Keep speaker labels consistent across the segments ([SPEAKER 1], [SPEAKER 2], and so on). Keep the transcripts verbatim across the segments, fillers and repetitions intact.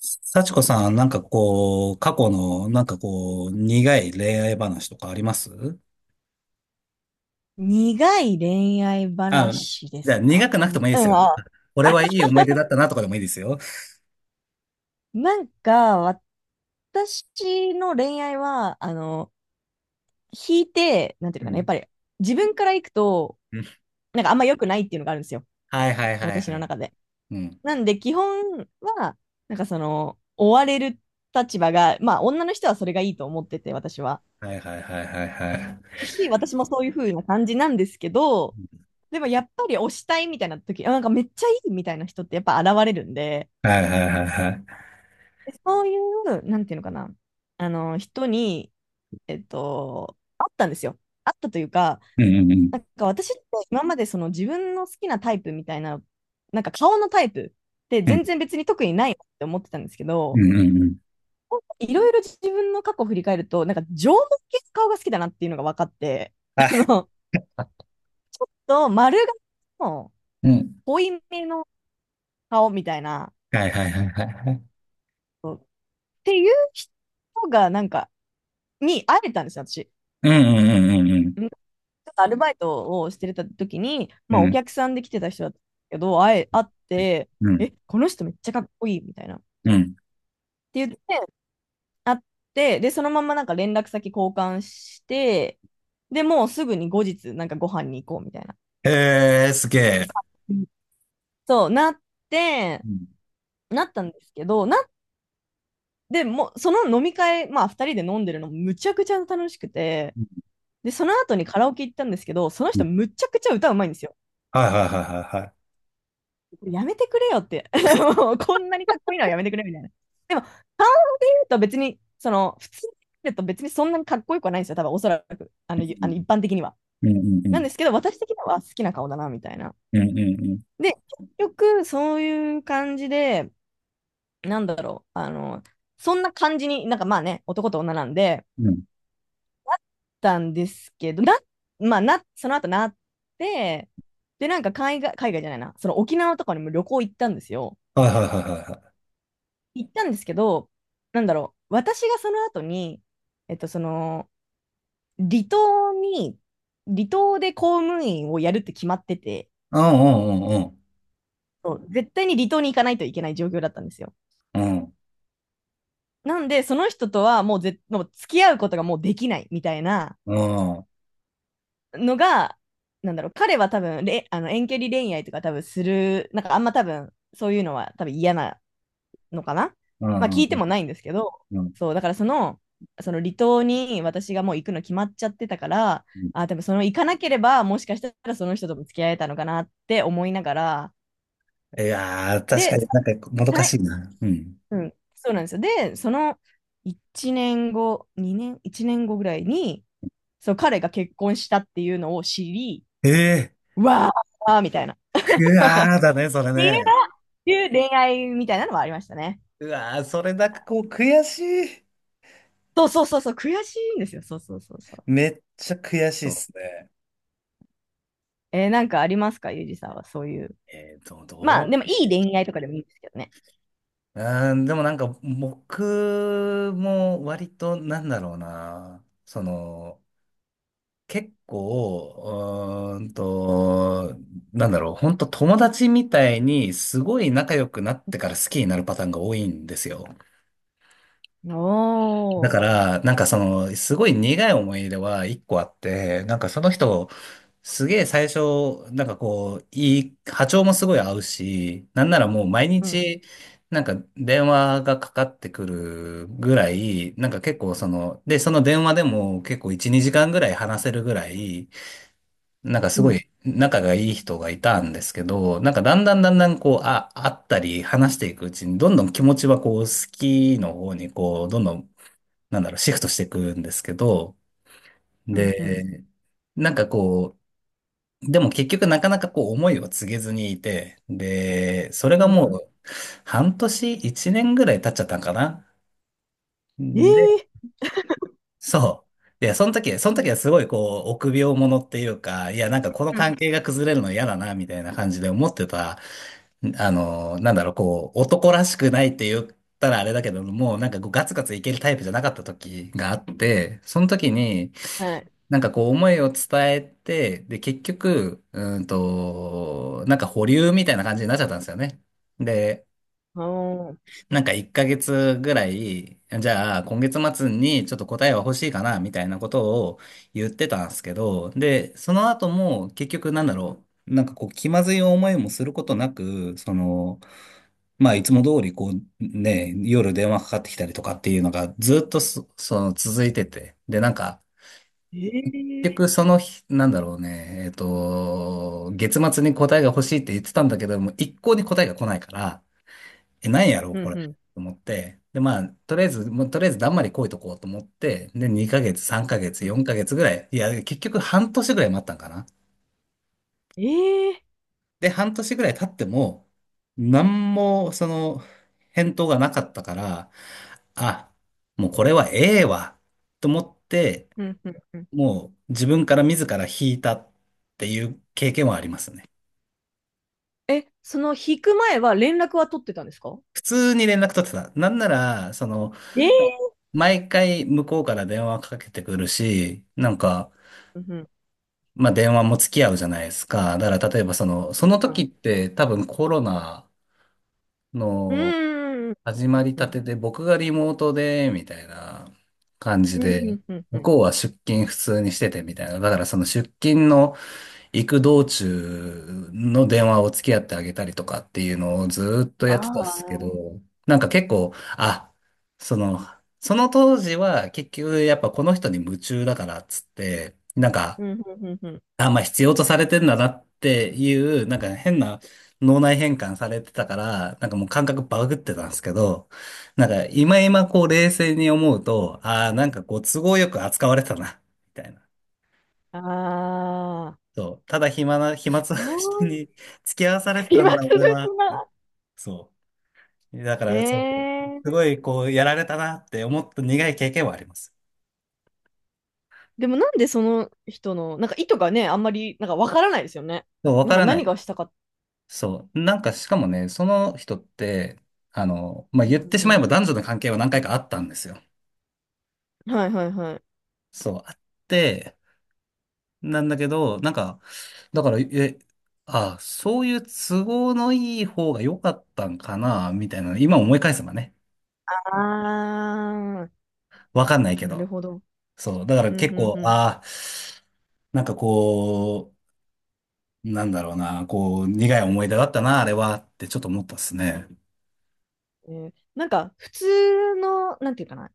[SPEAKER 1] 幸子さん、なんかこう、過去の、なんかこう、苦い恋愛話とかあります？
[SPEAKER 2] 苦い恋愛
[SPEAKER 1] あ、
[SPEAKER 2] 話で
[SPEAKER 1] じゃあ
[SPEAKER 2] すか
[SPEAKER 1] 苦くなくて
[SPEAKER 2] に
[SPEAKER 1] もいいで
[SPEAKER 2] う
[SPEAKER 1] す
[SPEAKER 2] ん、ん
[SPEAKER 1] よ。
[SPEAKER 2] あ、
[SPEAKER 1] これはいい思い出だったなとかでもいいですよ。
[SPEAKER 2] なんか、私の恋愛は、あの、引いて、なんていう
[SPEAKER 1] う
[SPEAKER 2] のかな、やっ
[SPEAKER 1] ん。
[SPEAKER 2] ぱり自分から行くと、
[SPEAKER 1] うん。
[SPEAKER 2] なんかあんま良くないっていうのがあるんですよ。
[SPEAKER 1] はいはいはい
[SPEAKER 2] 私
[SPEAKER 1] は
[SPEAKER 2] の
[SPEAKER 1] い。
[SPEAKER 2] 中で。
[SPEAKER 1] うん。
[SPEAKER 2] なんで、基本は、なんかその、追われる立場が、まあ、女の人はそれがいいと思ってて、私は。
[SPEAKER 1] はいはいはいはいはい。
[SPEAKER 2] し、私もそういう風な感じなんですけど、でもやっぱり推したいみたいな時、あなんかめっちゃいいみたいな人ってやっぱ現れるんで、
[SPEAKER 1] はいはいはいはい。
[SPEAKER 2] でそういう、なんていうのかな、あの、人に、えっと、あったんですよ。あったというか、
[SPEAKER 1] うんうん
[SPEAKER 2] なんか私って今までその自分の好きなタイプみたいな、なんか顔のタイプって
[SPEAKER 1] う
[SPEAKER 2] 全
[SPEAKER 1] ん。
[SPEAKER 2] 然別に特にないなって思ってたんですけ
[SPEAKER 1] う
[SPEAKER 2] ど、
[SPEAKER 1] んうんうんうん。
[SPEAKER 2] いろいろ自分の過去を振り返ると、なんか縄文系の顔が好きだなっていうのが分かって、
[SPEAKER 1] は
[SPEAKER 2] あ
[SPEAKER 1] い。
[SPEAKER 2] の、と丸顔の
[SPEAKER 1] うん。
[SPEAKER 2] 濃いめの顔みたいな、
[SPEAKER 1] はいはいはいはいはい。
[SPEAKER 2] そうっていう人がなんか、に会えたんですよ、私。
[SPEAKER 1] うんうんうん
[SPEAKER 2] ちょっとアルバイトをしてた時に、
[SPEAKER 1] うん
[SPEAKER 2] ま
[SPEAKER 1] う
[SPEAKER 2] あ、
[SPEAKER 1] ん。う
[SPEAKER 2] お
[SPEAKER 1] ん
[SPEAKER 2] 客さんで来てた人だったけど、会え、会って、
[SPEAKER 1] うん
[SPEAKER 2] え、この人めっちゃかっこいいみたいな。っ
[SPEAKER 1] うん。
[SPEAKER 2] て言って、会って、で、そのままなんか連絡先交換して、で、もうすぐに後日、なんかご飯に行こうみたいな。
[SPEAKER 1] へえ、すげえ。
[SPEAKER 2] うんそう、なって、
[SPEAKER 1] うん
[SPEAKER 2] なったんですけど、な、でもう、その飲み会、まあ、ふたりで飲んでるのむちゃくちゃ楽しくて、
[SPEAKER 1] うん
[SPEAKER 2] で、その後にカラオケ行ったんですけど、その
[SPEAKER 1] う
[SPEAKER 2] 人
[SPEAKER 1] ん。
[SPEAKER 2] むちゃくちゃ歌うまいんですよ。
[SPEAKER 1] はいはいはいはいはい。
[SPEAKER 2] やめてくれよって。もうこんなにかっこいいのはやめてくれみたいな。でも、考えると別に、その、普通に考えると別にそんなにかっこよくはないんですよ。多分、おそらく、あの、あの一般的には。
[SPEAKER 1] うんうんうんう
[SPEAKER 2] なん
[SPEAKER 1] ん。
[SPEAKER 2] ですけど、私的には好きな顔だな、みたいな。
[SPEAKER 1] うんうん
[SPEAKER 2] で、結局、そういう感じで、なんだろう、あの、そんな感じに、なんかまあね、男と女なんで、
[SPEAKER 1] うん。
[SPEAKER 2] たんですけど、な、まあな、その後なって、で、なんか海外、海外じゃないな、その沖縄とかにも旅行行ったんですよ。
[SPEAKER 1] はいはいはいはいはい。
[SPEAKER 2] 行ったんですけど、なんだろう、私がその後に、えっと、その、離島に、離島で公務員をやるって決まってて、
[SPEAKER 1] うんうん
[SPEAKER 2] そう絶対に離島に行かないといけない状況だったんですよ。
[SPEAKER 1] うんうん。
[SPEAKER 2] なんで、その人とはもうぜ、もう付き合うことがもうできないみたいな
[SPEAKER 1] うん。
[SPEAKER 2] のが、なんだろう、彼は多分れ、あの遠距離恋愛とか多分する、なんかあんま多分、そういうのは多分嫌なのかな、
[SPEAKER 1] う
[SPEAKER 2] まあ
[SPEAKER 1] んう
[SPEAKER 2] 聞
[SPEAKER 1] ん
[SPEAKER 2] いてもないんですけど、
[SPEAKER 1] うん。
[SPEAKER 2] そう、だからその、その離島に私がもう行くの決まっちゃってたから、
[SPEAKER 1] うん。
[SPEAKER 2] あ、でもその行かなければ、もしかしたらその人とも付き合えたのかなって思いながら、
[SPEAKER 1] いやー、確か
[SPEAKER 2] で、
[SPEAKER 1] になんかもどか
[SPEAKER 2] は
[SPEAKER 1] し
[SPEAKER 2] い、
[SPEAKER 1] いな。うん。
[SPEAKER 2] うん、そうなんですよ。で、そのいちねんご、にねん、いちねんごぐらいに、そう彼が結婚したっていうのを知り、
[SPEAKER 1] ええ。
[SPEAKER 2] うわーみたいな。っ
[SPEAKER 1] ー、うわーだね、それ
[SPEAKER 2] ていう
[SPEAKER 1] ね。
[SPEAKER 2] のっていう恋愛みたいなのはありましたね。
[SPEAKER 1] うわー、それなんかこう悔しい。
[SPEAKER 2] そうそうそうそう、悔しいんですよ。そうそうそうそう。
[SPEAKER 1] めっちゃ悔しいっ
[SPEAKER 2] そう、
[SPEAKER 1] すね。
[SPEAKER 2] えー、なんかありますか、ゆうじさんは、そういう。
[SPEAKER 1] えーと、
[SPEAKER 2] まあ、
[SPEAKER 1] ど
[SPEAKER 2] でも、いい恋愛とかでもいいんですけどね。
[SPEAKER 1] ううーん、でもなんか僕も割となんだろうな。その、結構、うーんと、なんだろう、本当友達みたいにすごい仲良くなってから好きになるパターンが多いんですよ。だ
[SPEAKER 2] お
[SPEAKER 1] か
[SPEAKER 2] ー。
[SPEAKER 1] ら、なんかその、すごい苦い思い出はいっこあって、なんかその人、すげえ最初、なんかこう、いい、波長もすごい合うし、なんならもう毎
[SPEAKER 2] うん、
[SPEAKER 1] 日、なんか電話がかかってくるぐらい、なんか結構その、で、その電話でも結構いち、にじかんぐらい話せるぐらい、なんか
[SPEAKER 2] う
[SPEAKER 1] すご
[SPEAKER 2] ん、
[SPEAKER 1] い仲がいい人がいたんですけど、なんかだんだんだんだんこう、あ、会ったり話していくうちに、どんどん気持ちはこう、好きの方にこう、どんどん、なんだろう、シフトしていくんですけど、
[SPEAKER 2] うん、うん、
[SPEAKER 1] で、なんかこう、でも結局なかなかこう、思いを告げずにいて、で、それ
[SPEAKER 2] う
[SPEAKER 1] が
[SPEAKER 2] ん。う
[SPEAKER 1] も
[SPEAKER 2] ん、
[SPEAKER 1] う、半年、いちねんぐらい経っちゃったんかな。
[SPEAKER 2] え
[SPEAKER 1] で、
[SPEAKER 2] ー、
[SPEAKER 1] そう。いやその時、その時はすごいこう、臆病者っていうか、いや、なんかこの関係が崩れるの嫌だな、みたいな感じで思ってた。あの、なんだろう、こう、男らしくないって言ったらあれだけども、なんかこうガツガツいけるタイプじゃなかった時があって、その時に、
[SPEAKER 2] はい。
[SPEAKER 1] なんかこう思いを伝えて、で、結局、うーんと、なんか保留みたいな感じになっちゃったんですよね。で、
[SPEAKER 2] おー。
[SPEAKER 1] なんかいっかげつぐらい、じゃあ今月末にちょっと答えは欲しいかな、みたいなことを言ってたんですけど、で、その後も結局なんだろう、なんかこう気まずい思いもすることなく、その、まあ、いつも通り、こう、ね、夜電話かかってきたりとかっていうのがずっとそ、その続いてて。で、なんか、
[SPEAKER 2] えー、
[SPEAKER 1] 結局その日、なんだろうね、えっと、月末に答えが欲しいって言ってたんだけども、一向に答えが来ないから、え、何やろう、
[SPEAKER 2] う
[SPEAKER 1] こ
[SPEAKER 2] ん、
[SPEAKER 1] れ、
[SPEAKER 2] う
[SPEAKER 1] と
[SPEAKER 2] ん、
[SPEAKER 1] 思って。で、まあ、とりあえず、もうとりあえずだんまり来いとこうと思って、で、にかげつ、さんかげつ、
[SPEAKER 2] うん。
[SPEAKER 1] よんかげつぐらい、いや、結局半年ぐらい待ったんかな。
[SPEAKER 2] えー。
[SPEAKER 1] で、半年ぐらい経っても、何も、その、返答がなかったから、あ、もうこれはええわ、と思って、
[SPEAKER 2] うん、うん、うん。
[SPEAKER 1] もう自分から自ら引いたっていう経験はありますね。
[SPEAKER 2] え、その引く前は連絡は取ってたんですか？
[SPEAKER 1] 普通に連絡取ってた。なんなら、その、
[SPEAKER 2] えー、
[SPEAKER 1] 毎回向こうから電話かけてくるし、なんか、
[SPEAKER 2] うん、うん、
[SPEAKER 1] まあ電話も付き合うじゃないですか。だから例えばその、その
[SPEAKER 2] は
[SPEAKER 1] 時
[SPEAKER 2] い。
[SPEAKER 1] って多分コロナ
[SPEAKER 2] う
[SPEAKER 1] の
[SPEAKER 2] ーん。
[SPEAKER 1] 始まり
[SPEAKER 2] う
[SPEAKER 1] た
[SPEAKER 2] ん、
[SPEAKER 1] てで僕がリモートで、みたいな感じ
[SPEAKER 2] うん、う
[SPEAKER 1] で、
[SPEAKER 2] ん、うん、うん。う
[SPEAKER 1] 向
[SPEAKER 2] ん、
[SPEAKER 1] こうは出勤普通にしててみたいな。だからその出勤の、行く道中の電話を付き合ってあげたりとかっていうのをずーっと
[SPEAKER 2] あ
[SPEAKER 1] やってたんですけど、
[SPEAKER 2] あ、
[SPEAKER 1] なんか結構、あ、その、その当時は結局やっぱこの人に夢中だからっつって、なんか、
[SPEAKER 2] うん、うん、うん、うん。
[SPEAKER 1] あ、まあ必要とされてんだなっていう、なんか変な脳内変換されてたから、なんかもう感覚バグってたんですけど、なんか今今こう冷静に思うと、ああ、なんかこう都合よく扱われてたな、みたいな。
[SPEAKER 2] ああ。
[SPEAKER 1] そう。ただ暇な、暇つぶ
[SPEAKER 2] そ
[SPEAKER 1] し
[SPEAKER 2] う、
[SPEAKER 1] に 付き合わされてた
[SPEAKER 2] 暇
[SPEAKER 1] んだ、
[SPEAKER 2] つぶし
[SPEAKER 1] 俺は。
[SPEAKER 2] な。
[SPEAKER 1] そう。だから、そう。
[SPEAKER 2] え
[SPEAKER 1] す
[SPEAKER 2] ー、
[SPEAKER 1] ごい、こう、やられたなって思った苦い経験はあります。
[SPEAKER 2] でもなんでその人の、なんか意図がね、あんまり、なんかわからないですよね。
[SPEAKER 1] で、わ
[SPEAKER 2] なん
[SPEAKER 1] か
[SPEAKER 2] か
[SPEAKER 1] らな
[SPEAKER 2] 何
[SPEAKER 1] い。
[SPEAKER 2] がしたかっ
[SPEAKER 1] そう。なんか、しかもね、その人って、あの、まあ、言っ
[SPEAKER 2] う
[SPEAKER 1] て
[SPEAKER 2] ん
[SPEAKER 1] しまえ
[SPEAKER 2] う
[SPEAKER 1] ば男女の関係は何回かあったんですよ。
[SPEAKER 2] ん。はいはいはい。
[SPEAKER 1] そう。あって、なんだけど、なんか、だから、え、あ、そういう都合のいい方が良かったんかな、みたいな、今思い返せばね。
[SPEAKER 2] あー、
[SPEAKER 1] わかんないけ
[SPEAKER 2] なる
[SPEAKER 1] ど。
[SPEAKER 2] ほど。
[SPEAKER 1] そう。だから
[SPEAKER 2] うん
[SPEAKER 1] 結
[SPEAKER 2] うん
[SPEAKER 1] 構、
[SPEAKER 2] う
[SPEAKER 1] ああ、なんかこう、なんだろうな、こう、苦い思い出だったな、あれは、ってちょっと思ったっすね。
[SPEAKER 2] ん。えー、なんか普通の、なんていうかな、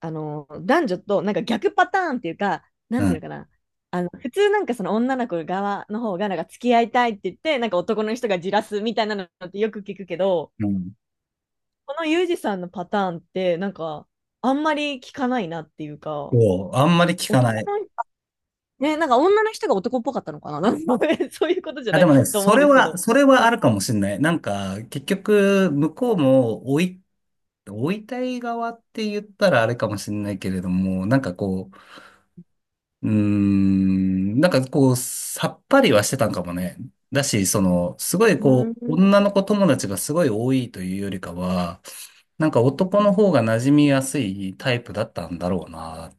[SPEAKER 2] あの、男女となんか逆パターンっていうか、な
[SPEAKER 1] う
[SPEAKER 2] んていう
[SPEAKER 1] ん。
[SPEAKER 2] のかな、あの、普通なんかその女の子側の方がなんか付き合いたいって言って、なんか男の人がじらすみたいなのってよく聞くけど、
[SPEAKER 1] うん。
[SPEAKER 2] このユージさんのパターンって、なんかあんまり聞かないなっていうか、
[SPEAKER 1] そう。あんまり聞か
[SPEAKER 2] 男
[SPEAKER 1] ない。
[SPEAKER 2] のね、なんか女の人が男っぽかったのかな なんかね そういうことじゃ
[SPEAKER 1] あ、
[SPEAKER 2] な
[SPEAKER 1] で
[SPEAKER 2] い
[SPEAKER 1] もね、
[SPEAKER 2] と思
[SPEAKER 1] そ
[SPEAKER 2] うん
[SPEAKER 1] れ
[SPEAKER 2] ですけ
[SPEAKER 1] は、
[SPEAKER 2] ど。
[SPEAKER 1] それはあ
[SPEAKER 2] そ
[SPEAKER 1] るかもしんない。なんか、結局、向こうも、追い、追いたい側って言ったらあれかもしんないけれども、なんかこう、うーん、なんかこう、さっぱりはしてたんかもね。だし、その、すごい
[SPEAKER 2] う、
[SPEAKER 1] こ
[SPEAKER 2] う
[SPEAKER 1] う、
[SPEAKER 2] ー
[SPEAKER 1] 女の子友達がすごい多いというよりかは、なんか男の
[SPEAKER 2] ん。
[SPEAKER 1] 方が馴染みやすいタイプだったんだろうな、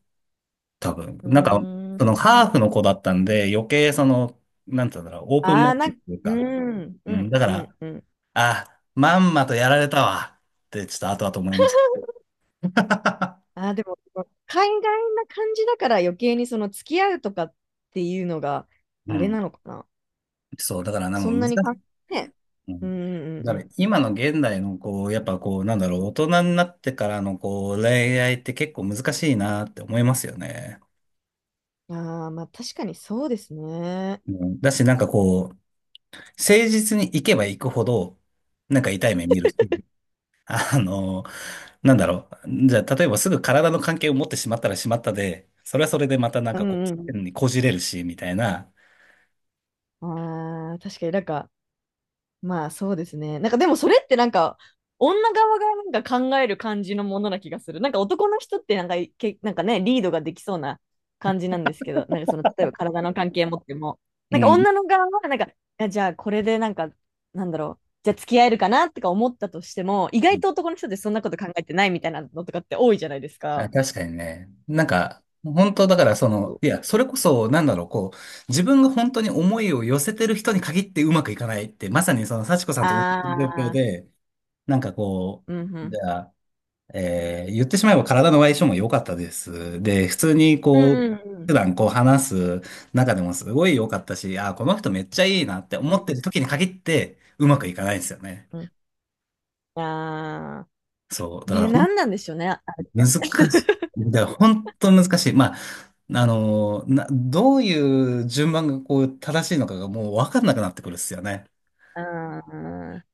[SPEAKER 1] 多分。
[SPEAKER 2] う
[SPEAKER 1] なんか、
[SPEAKER 2] ー
[SPEAKER 1] そのハ
[SPEAKER 2] ん。
[SPEAKER 1] ーフの子だったんで、余計その、なんて言うんだろう、オープンマイ
[SPEAKER 2] あ
[SPEAKER 1] ン
[SPEAKER 2] あ、な
[SPEAKER 1] ド
[SPEAKER 2] ん、
[SPEAKER 1] という
[SPEAKER 2] う
[SPEAKER 1] か、
[SPEAKER 2] ん、う
[SPEAKER 1] うん、
[SPEAKER 2] ん、
[SPEAKER 1] だか
[SPEAKER 2] うん、
[SPEAKER 1] ら、
[SPEAKER 2] うん。
[SPEAKER 1] あ、まんまとやられたわ、ってちょっと後々思いました。
[SPEAKER 2] ああ、でも、海外な感じだから余計にその付き合うとかっていうのが、
[SPEAKER 1] う
[SPEAKER 2] あれ
[SPEAKER 1] ん。
[SPEAKER 2] なのかな。
[SPEAKER 1] そう、だからなん
[SPEAKER 2] そ
[SPEAKER 1] か
[SPEAKER 2] ん
[SPEAKER 1] 難
[SPEAKER 2] な
[SPEAKER 1] し
[SPEAKER 2] にか、
[SPEAKER 1] い。
[SPEAKER 2] ね。
[SPEAKER 1] う
[SPEAKER 2] うん、
[SPEAKER 1] ん。
[SPEAKER 2] う
[SPEAKER 1] だか
[SPEAKER 2] ん、
[SPEAKER 1] ら
[SPEAKER 2] うん、う
[SPEAKER 1] 今の現代のこう、やっぱこう、なんだろう、大人になってからのこう、恋愛って結構難しいなって思いますよね。
[SPEAKER 2] ん。ああ、まあ確かにそうですね。
[SPEAKER 1] うん。だしなんかこう、誠実に行けば行くほど、なんか痛い目見るし、あの、なんだろう、じゃあ例えばすぐ体の関係を持ってしまったらしまったで、それはそれでまたなん
[SPEAKER 2] う
[SPEAKER 1] かこう、
[SPEAKER 2] ん、うん。
[SPEAKER 1] 変にこじれるし、みたいな。
[SPEAKER 2] ああ、確かになんか、まあそうですね。なんかでもそれってなんか女側がなんか考える感じのものな気がする。なんか男の人ってなんかいけなんかね、リードができそうな感じなんですけど、なんかその例えば体の関係持っても、
[SPEAKER 1] う
[SPEAKER 2] なんか
[SPEAKER 1] ん。
[SPEAKER 2] 女の側はなんか、いやじゃあこれでなんか、なんだろう、じゃあ付き合えるかなとか思ったとしても、意外と男の人ってそんなこと考えてないみたいなのとかって多いじゃないです
[SPEAKER 1] あ
[SPEAKER 2] か。
[SPEAKER 1] 確かにね。なんか、本当だからそ
[SPEAKER 2] そ
[SPEAKER 1] の、
[SPEAKER 2] う、
[SPEAKER 1] いや、それこそ、なんだろう、こう、自分が本当に思いを寄せてる人に限ってうまくいかないって、まさにその幸子さん
[SPEAKER 2] あ
[SPEAKER 1] と同じ状況
[SPEAKER 2] あ、
[SPEAKER 1] で、なんかこ
[SPEAKER 2] うんう
[SPEAKER 1] う、じ
[SPEAKER 2] ん。
[SPEAKER 1] ゃあ、えー言ってしまえば体の相性も良かったです。で、普通に
[SPEAKER 2] う
[SPEAKER 1] こう、
[SPEAKER 2] んうんうん。
[SPEAKER 1] 普段こう話す中でもすごい良かったし、あー、この人めっちゃいいなって
[SPEAKER 2] う
[SPEAKER 1] 思っ
[SPEAKER 2] んう
[SPEAKER 1] て
[SPEAKER 2] ん
[SPEAKER 1] る時に限ってうまくいかないんですよね。
[SPEAKER 2] うん。あ
[SPEAKER 1] そう。
[SPEAKER 2] あ、
[SPEAKER 1] だか
[SPEAKER 2] ね、
[SPEAKER 1] ら
[SPEAKER 2] なんなんでしょうね、あれっ
[SPEAKER 1] 難
[SPEAKER 2] て。
[SPEAKER 1] し い。だから本当難しい。まあ、あの、な、どういう順番がこう正しいのかがもう分かんなくなってくるっすよね。
[SPEAKER 2] ああ、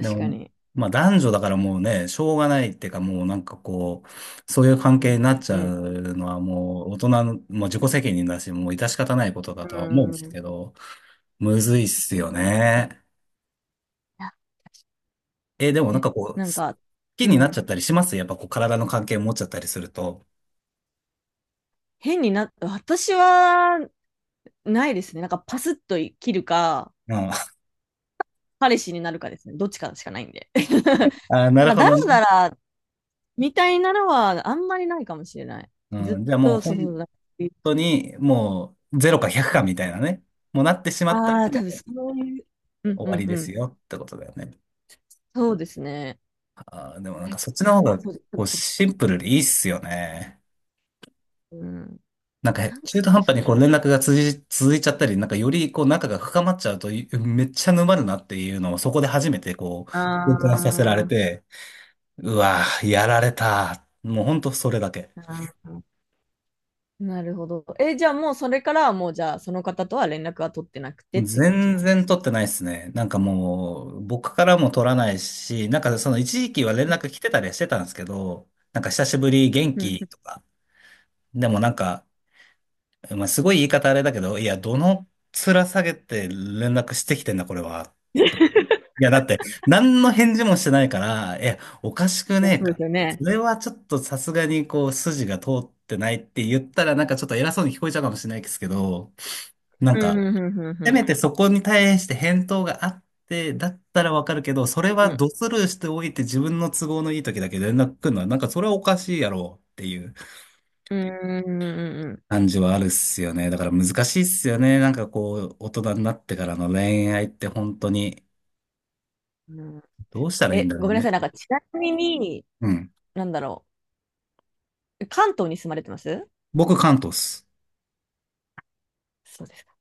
[SPEAKER 1] で
[SPEAKER 2] か
[SPEAKER 1] も、
[SPEAKER 2] に。
[SPEAKER 1] まあ男女だからもうね、しょうがないっていうかもうなんかこう、そういう関
[SPEAKER 2] う
[SPEAKER 1] 係
[SPEAKER 2] ん、
[SPEAKER 1] になっちゃ
[SPEAKER 2] うん、
[SPEAKER 1] うのはもう大人の、もう自己責任だし、もう致し方ないことだ
[SPEAKER 2] う
[SPEAKER 1] とは思うん
[SPEAKER 2] ん、
[SPEAKER 1] で
[SPEAKER 2] う
[SPEAKER 1] す
[SPEAKER 2] ん、
[SPEAKER 1] けど、むずいっす
[SPEAKER 2] うん、う
[SPEAKER 1] よ
[SPEAKER 2] ん、
[SPEAKER 1] ね。え、でもなん
[SPEAKER 2] え、
[SPEAKER 1] かこう、好
[SPEAKER 2] なんか、
[SPEAKER 1] き
[SPEAKER 2] う
[SPEAKER 1] になっちゃ
[SPEAKER 2] ん、
[SPEAKER 1] ったりしますやっぱこう体の関係持っちゃったりすると。
[SPEAKER 2] 変にな、私はないですね。なんかパスッと切るか、
[SPEAKER 1] うん。
[SPEAKER 2] 彼氏になるかですね。どっちかしかないんで。
[SPEAKER 1] あー、な
[SPEAKER 2] なん
[SPEAKER 1] る
[SPEAKER 2] か、
[SPEAKER 1] ほ
[SPEAKER 2] だら
[SPEAKER 1] ど
[SPEAKER 2] だ
[SPEAKER 1] ね。
[SPEAKER 2] らみたいなのはあんまりないかもしれない。ずっ
[SPEAKER 1] うん。じゃあもう
[SPEAKER 2] と、そ
[SPEAKER 1] 本
[SPEAKER 2] うそう、なんか、
[SPEAKER 1] 当にもうゼロかひゃくかみたいなね、もうなってしまった
[SPEAKER 2] ああ
[SPEAKER 1] ら
[SPEAKER 2] 多
[SPEAKER 1] も
[SPEAKER 2] 分
[SPEAKER 1] う
[SPEAKER 2] そういう、うん
[SPEAKER 1] 終
[SPEAKER 2] う
[SPEAKER 1] わ
[SPEAKER 2] ん
[SPEAKER 1] り
[SPEAKER 2] う
[SPEAKER 1] です
[SPEAKER 2] ん、
[SPEAKER 1] よってことだよね。
[SPEAKER 2] そうですね。
[SPEAKER 1] あー、でもなんか
[SPEAKER 2] え、
[SPEAKER 1] そっちの方
[SPEAKER 2] 感
[SPEAKER 1] が
[SPEAKER 2] そうで
[SPEAKER 1] こう
[SPEAKER 2] す。
[SPEAKER 1] シンプルでいいっすよね。
[SPEAKER 2] うん、
[SPEAKER 1] なんか
[SPEAKER 2] なん
[SPEAKER 1] 中
[SPEAKER 2] そ
[SPEAKER 1] 途
[SPEAKER 2] うで
[SPEAKER 1] 半
[SPEAKER 2] す
[SPEAKER 1] 端にこう
[SPEAKER 2] ね。
[SPEAKER 1] 連絡が続い、続いちゃったり、なんかよりこう仲が深まっちゃうとい めっちゃ沼るなっていうのをそこで初めてこう、
[SPEAKER 2] あ
[SPEAKER 1] 痛感させられ
[SPEAKER 2] あ。
[SPEAKER 1] て、うわー、やられた。もうほんとそれだけ。
[SPEAKER 2] あー、なるほど。え、じゃあもうそれからはもうじゃあその方とは連絡は取ってなくてって感じ
[SPEAKER 1] 全
[SPEAKER 2] なんで
[SPEAKER 1] 然
[SPEAKER 2] す？
[SPEAKER 1] 取ってないですね。なんかもう、僕からも取らないし、なんかその一時期は連絡来てたりはしてたんですけど、なんか久しぶり 元
[SPEAKER 2] うん
[SPEAKER 1] 気
[SPEAKER 2] う
[SPEAKER 1] とか、でもなんか、まあ、すごい言い方あれだけど、いや、どの面下げて連絡してきてんだ、これは。いや、だって、何の返事もしてないから、いや、おかしく
[SPEAKER 2] ん。え、
[SPEAKER 1] ねえ
[SPEAKER 2] そうで
[SPEAKER 1] か。
[SPEAKER 2] すよ
[SPEAKER 1] そ
[SPEAKER 2] ね。
[SPEAKER 1] れはちょっとさすがにこう、筋が通ってないって言ったら、なんかちょっと偉そうに聞こえちゃうかもしれないですけど、なん
[SPEAKER 2] うん
[SPEAKER 1] か
[SPEAKER 2] うんうんうんう
[SPEAKER 1] せ
[SPEAKER 2] ん
[SPEAKER 1] めてそこに対して返答があって、だったらわかるけど、そ
[SPEAKER 2] う
[SPEAKER 1] れは
[SPEAKER 2] ん
[SPEAKER 1] ドスルーしておいて自分の都合のいい時だけ連絡来るのは、なんかそれはおかしいやろうっていう
[SPEAKER 2] うんうんうん
[SPEAKER 1] 感じはあるっすよね。だから難しいっすよね。なんかこう、大人になってからの恋愛って本当に、
[SPEAKER 2] うん、うん、
[SPEAKER 1] どうしたらいいん
[SPEAKER 2] え、
[SPEAKER 1] だ
[SPEAKER 2] ご
[SPEAKER 1] ろう
[SPEAKER 2] めんなさ
[SPEAKER 1] ね。
[SPEAKER 2] い。なんか、ちなみに、
[SPEAKER 1] うん。
[SPEAKER 2] なんだろう。関東に住まれてます？
[SPEAKER 1] 僕、関東っす。
[SPEAKER 2] そうですか。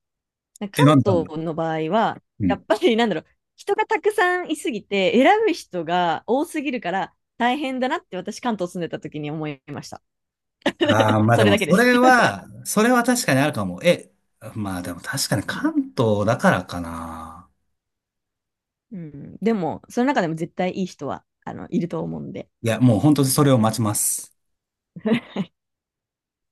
[SPEAKER 2] なんか
[SPEAKER 1] え、なんでなん
[SPEAKER 2] 関
[SPEAKER 1] で？
[SPEAKER 2] 東の場合は、
[SPEAKER 1] う
[SPEAKER 2] や
[SPEAKER 1] ん。
[SPEAKER 2] っぱり、なんだろう。人がたくさんいすぎて、選ぶ人が多すぎるから、大変だなって私、関東住んでた時に思いました。
[SPEAKER 1] ああ、まあ
[SPEAKER 2] そ
[SPEAKER 1] で
[SPEAKER 2] れ
[SPEAKER 1] も、
[SPEAKER 2] だけで
[SPEAKER 1] そ
[SPEAKER 2] す。
[SPEAKER 1] れは、それは確かにあるかも。え、まあでも確かに関 東だからかな。
[SPEAKER 2] うん、でも、その中でも絶対いい人はあのいると思うんで。
[SPEAKER 1] いや、もう本当にそれを待ちます。